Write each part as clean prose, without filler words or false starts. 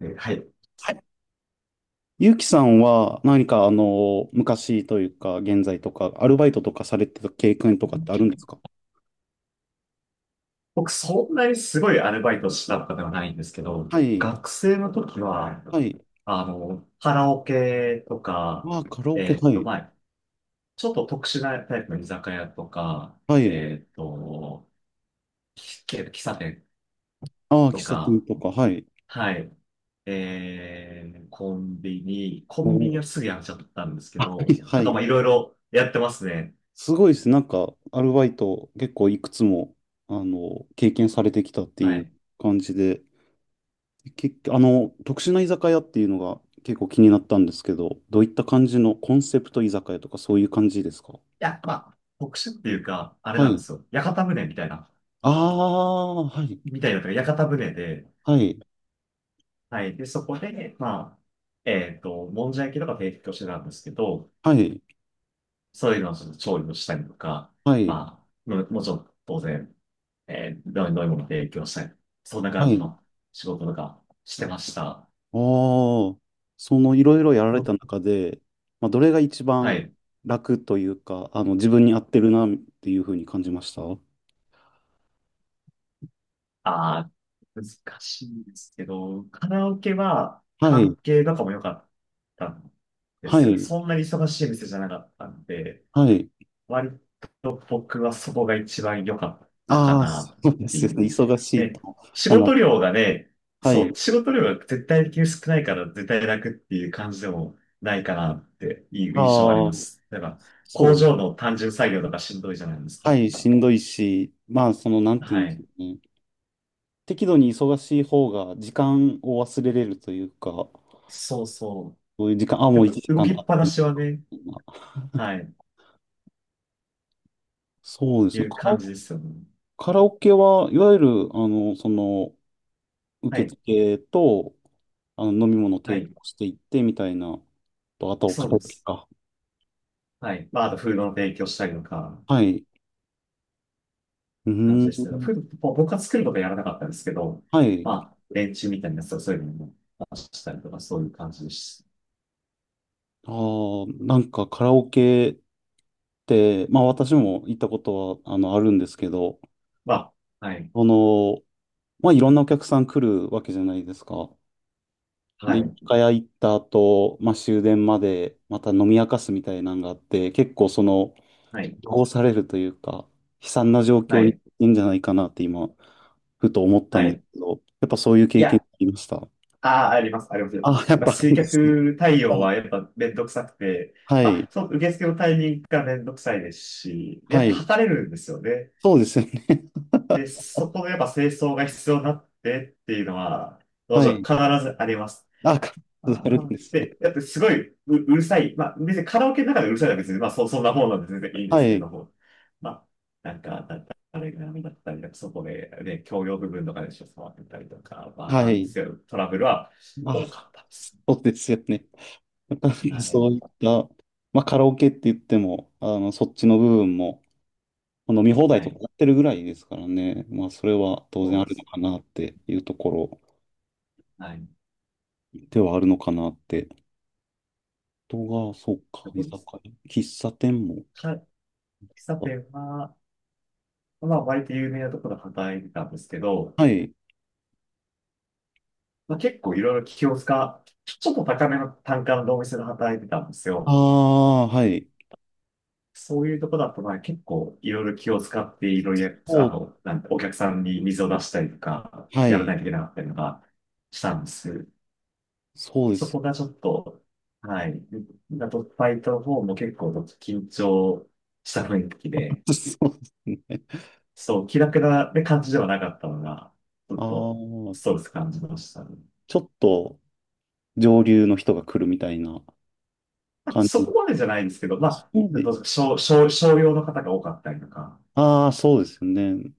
はい。はい。ゆうきさんは何か昔というか、現在とか、アルバイトとかされてた経験とかってあるんですか？僕、そんなにすごいアルバイトしたとかではないんですけど、はい。学生の時は、はい。カラオケとか、ああ、カラオケ、えっはと、い。まあ、ちょっと特殊なタイプの居酒屋とか、はい。えっと、喫茶店ああ、喫と茶店か、とか、はい。はい、コお。ンビニお。はすぐやめちゃったんです けあ、はど、い。はとか、い。まあ、いろいろやってますね。すごいですね。なんか、アルバイト結構いくつも、経験されてきたってはいうい。い感じで、結あの、特殊な居酒屋っていうのが結構気になったんですけど、どういった感じのコンセプト居酒屋とかそういう感じですか？や、まあ、特殊っていうか、あれはなんでい。すよ。屋形船みたいな。ああ、はい。みたいなのが屋形船で、はい、はい。で、そこで、まあ、もんじゃ焼きとか提供してたんですけど、はい、そういうのをちょっと調理をしたりとか、はい、まあ、もちろん当然、どういう飲み物提供したり、そんな感はじい。の仕事とかしてました。おー、そのいろいろやられのた中で、まあ、どれが一は番い。楽というか、自分に合ってるなっていうふうに感じました？はああ、難しいですけど、カラオケはい、関係とかも良かったんではす。い、そんなに忙しい店じゃなかったんで、はい。割と僕はそこが一番良かったかああ、そなっうでてすいよね。う。忙しいと。ね、仕あの、事量がね、はそい。う、仕事量が絶対的に少ないから絶対楽っていう感じでもないかなっていう印象はありあまあ、す。例えば、そ工う。場の単純作業とかしんどいじゃないですはか。い、しんどいし、まあ、その、なんていはうんですかい。ね。適度に忙しい方が時間を忘れれるというか、そうそそういう時間、あ、う。でもうも、1動時間きっ経っぱなてるしはね、みたいな。はい、そうでいすね。うカラ感じオですよね。カラオケはいわゆる、あの、その、は受い、付と、飲み物をは提供い。していってみたいな、と、あと、カそうラオでケす。か。はい。まあ、あと、フードの提供したりとか、はい。う感じーでしたけど、ん。僕は作ることはやらなかったんですけど、はい。まあ、連中みたいなやつをそういうのも出したりとか、そういう感じです。ああ、なんかカラオケって、まあ私も行ったことは、あるんですけど、まあ、はい、その、まあいろんなお客さん来るわけじゃないですか。はで、一い、回行った後、まあ終電までまた飲み明かすみたいなのがあって、結構その、はい、汚されるというか、悲惨な状は況にい、いいんじゃないかなって今、ふと思ったはんですい。けど、やっぱそういうい経験や、ありました？ああ、あります、ありますよ。あ、やっまあ、ぱあ集るんですね。客対 応うん、はやっぱめんどくさくて、はまい。あ、その受付のタイミングがめんどくさいですし、やはっぱい。測れるんですよね。そうですよね。で、そこのやっぱ清掃が必要になってっていうのは、どうしはようい。必ずあります。あ、カップああーるまんあ、ですね。で、だってすごいう、うるさい。まあ、別にカラオケの中でうるさいのは別に、まあ、そんなもんなんで全然いいんではすけい。ども。まあ、なんか、だあれが波だったりか、そこで、ね、共用部分とかでしょ、触ってたりとか、まあ、はなんでい。すけど、トラブルはあ、多かったです。そうですよね。は そい。ういった、まあカラオケって言っても、そっちの部分も、飲み放題はとかい。やってるぐらいですからね。まあそれは当そ然うあでるのす。かなっていうところはい。ではあるのかなって人が、そうか、居そうで酒す。屋、喫茶店もか、喫茶あっ店は、まあ、割と有名なところで働いてたんですけど、た。はい。まあ、結構いろいろ気を使う、ちょっと高めの単価のお店で働いてたんですあよ。あ、はい。そういうとこだと、まあ結構いろいろ気を使っていろいろや、あその、なんてお客さんに水を出したりとか、う、はやらない。いといけなかったりとかしたんです。そうでそす。こがちょっと、はい。だと、ファイトの方も結構緊張した雰囲気で、そうですね。そう、気楽な感じではなかったのが、ちょあっとストあ、レス感じましたね。ちょっと上流の人が来るみたいなまあ感じそこの。までじゃないんですけど、あ、まそあ、うで、どうと少、少、商用の方が多かったりとか、ああ、そうですよね。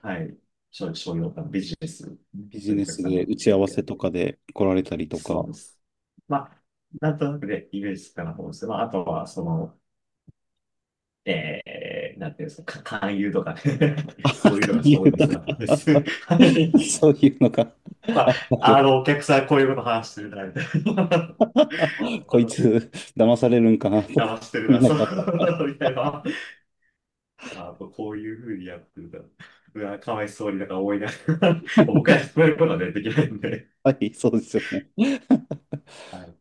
はい。商用とかビジネス、ビそジういうネお客スさんがで多打くちて、合みわたいせな。とかで来られたりとそうか、です。まあ、なんとなくでイメージつくかなと思うんですけど、まあ、あとは、その、なんていうんですか、勧誘とかね。 なんそういかうのがす言ごういミとスだったんでか、す。は い。そういうのがまああ、ったよ。あの、お客さんこういうこと話してるな、みたいな。こまいた、つ、騙されるんかなとか騙してる見な、なそう、がら。みたいな。あ、こういうふうにやってるんだ。うわ、かわいそうになんか思いながら、僕はそういうことはね、できないんで。はい、そうですよね。はい。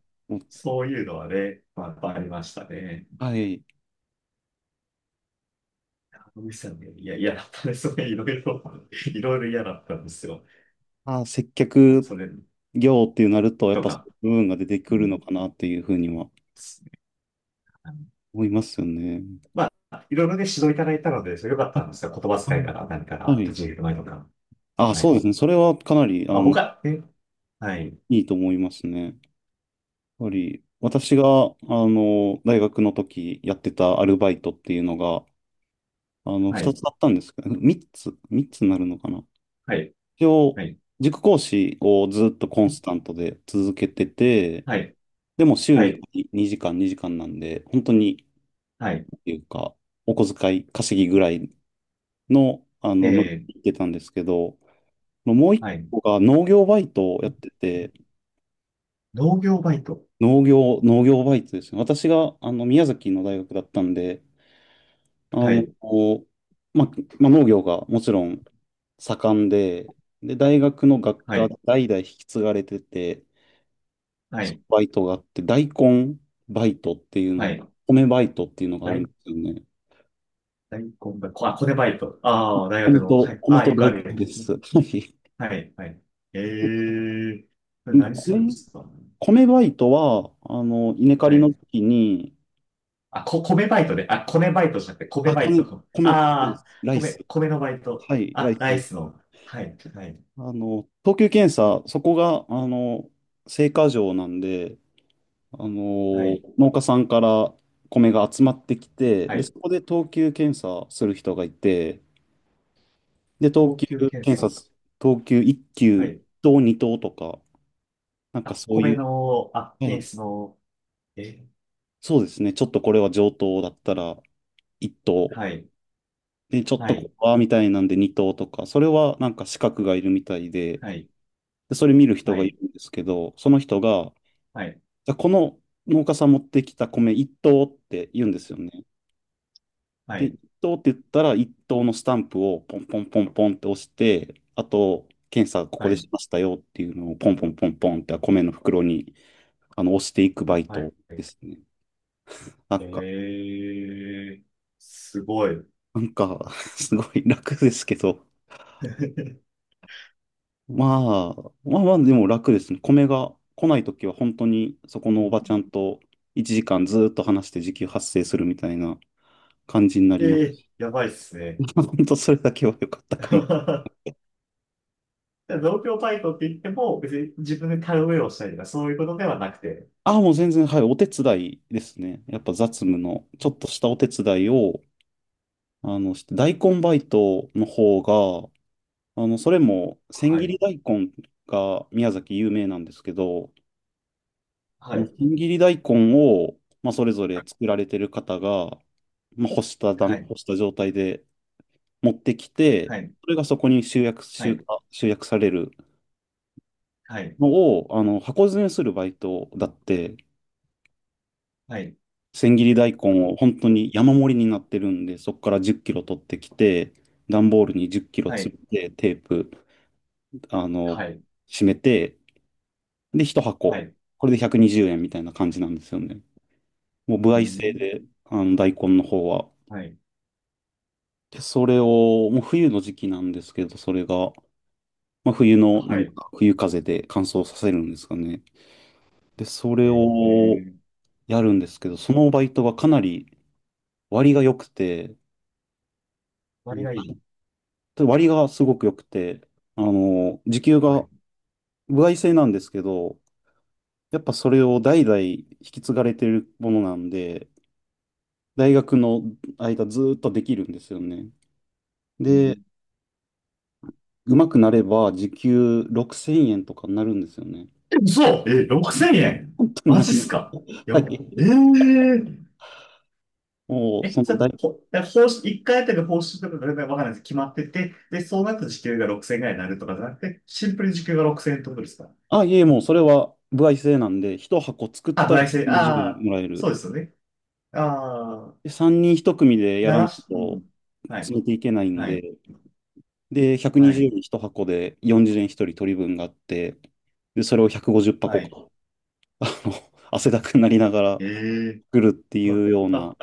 そういうのはね、まあ、やっぱありましたね。はい。野口さんね、いや、嫌だったですね。それ、いろいろ、いろいろ嫌だったんですよ。ああ、接客それ業っていうなると、やっとぱそか。ういう部分が出てうくるのんかなっていうふうにはですね。思いますよね。まあ、いろいろね、指導いただいたので、それ良かったんですよ。言葉あ、遣いから何かあ、らは立い。ち入り前とか。あ、はそうですい。ね。それはかなり、まあ、僕は、はい、いいと思いますね。やっぱり、私が、大学の時やってたアルバイトっていうのが、は二い、つあったんですけど、三つになるのかな。はい、一は応、い、塾講師をずっとコンスタントで続けてて、はい、でも週はにい、2時間、2時間なんで、本当に、はい、ていうか、お小遣い稼ぎぐらいの、え乗りー、切ってたんですけど、もう一はい、個が農業バイトをやってて、農業バイト。農業バイトですね。私が、宮崎の大学だったんで、あはの、い、こうま、農業がもちろん盛んで、で、大学の学は科い、代々引き継がれてて、はそのい、バイトがあって、大根バイトっていうはの、い、米バイトっていうのがあるん大、ですよね。大根バイト。あ、コネバイト。ああ、大学米の。はと、い。あ米あ、とよくあ大根る。です。はい。はい、はい。ええこれ何するんで米すか。米バイトは、稲刈はりい。の時に、あ、こ、米バイトで、あ、米バイトじゃなくて、米あ、バイ米、ト。米、米でああ、す。ライス。米、米のバイト。はい、ラあ、イスライです。スの。はい、はい、等級検査、そこが、青果場なんで、はい、農家さんから米が集まってきて、はで、そい。こで等級検査する人がいて、で、等高級級検検査査。す、等級1は級い。等2等とか、なんかあ、そう米いう、の、あ、は検い、出の、え、そうですね、ちょっとこれは上等だったら1等はい、で、ちょっはとこい、こはみたいなんで2頭とか、それはなんか資格がいるみたいで、はい、で、それ見る人はがいい、るんですけど、その人が、はい、じゃあこの農家さん持ってきた米1頭って言うんですよね。はで、1い、頭って言ったら1頭のスタンプをポンポンポンポンって押して、あと、検査ここはでい、しましたよっていうのをポンポンポンポンって米の袋に押していくバイはトい。ですね。なんええか、ーすごい。なんか すごい楽ですけど、まあ、まあまあ、でも楽ですね。米が来ないときは本当にそこのおばちゃんと1時間ずーっと話して時給発生するみたいな感じになえりまえす。ーやばいっすね。本当それだけは良かったかな。で農協バイトって言っても、別に自分で田植えをしたりとか、そういうことではなくて、ああ、もう全然、はい、お手伝いですね。やっぱ雑務の、ちょっとしたお手伝いを、して大根バイトの方が、それも千は切い、り大根が宮崎有名なんですけど、はい、千切り大根を、まあ、それぞれ作られてる方が、まあ、はい、干した状態で持ってきて、はい、それがそこにはい、集約されるはい、のを、箱詰めするバイトだって、はい、千切り大根を本当に山盛りになってるんで、そこから10キロ取ってきて、段ボールに10キロは詰い、めて、テープ、あの、はい、締めて、で、1は箱、い、これで120円みたいな感じなんですよね。もう、歩う合制ん、で、大根の方は。はい、で、それを、もう冬の時期なんですけど、それが、まあ、冬の、なはんい、か、冬風で乾燥させるんですかね。で、それえをー、やるんですけど、そのバイトがかなり割が良くて、う割ん、がいい。割がすごく良くて、時給はがい、歩合制なんですけど、やっぱそれを代々引き継がれてるものなんで、大学の間ずーっとできるんですよね。うで、ん。うまくなれば時給6000円とかになるんですよね。え嘘え、6000円本当にマな、ジっす何、かやはばえい。ー、もう、え、そじゃのあ、大、報酬、1回あたりの報酬とかが全然わからないです。決まってて、で、そうなった時給が6000円ぐらいになるとかじゃなくて、シンプルに時給が6000円ってことですか。あ、いえ、もうそれは歩合制なんで、1箱作っあ、たら焙煎、あ120あ、もらえそる。うですよね。ああ、で、3人1組でや鳴らならいし、うとん。はい、詰めていけないんはい、で、で、は120い、円1箱で40円1人取り分があって、で、それを150は箱い。か、あの、汗だくになりながらええ作るっていまうような、あ、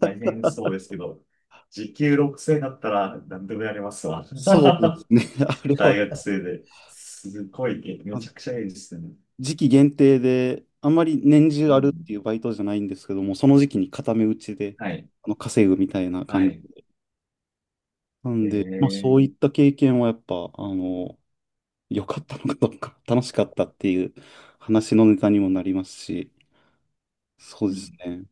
大変そうですけど、時給6 0だったら何でもやりますわ。そうです ね。あれは、大学生で。すごいね、めあ、ちゃくちゃいいですね。時期限定で、あんまり年中うあるっん、ていうバイトじゃないんですけども、その時期に固め打ちで、はい、稼ぐみたいなは感い。じ。なんえで、まあそういっえた経験はやっぱ、良かったのかどうか、楽しかったっていう話のネタにもなりますし、そうですね。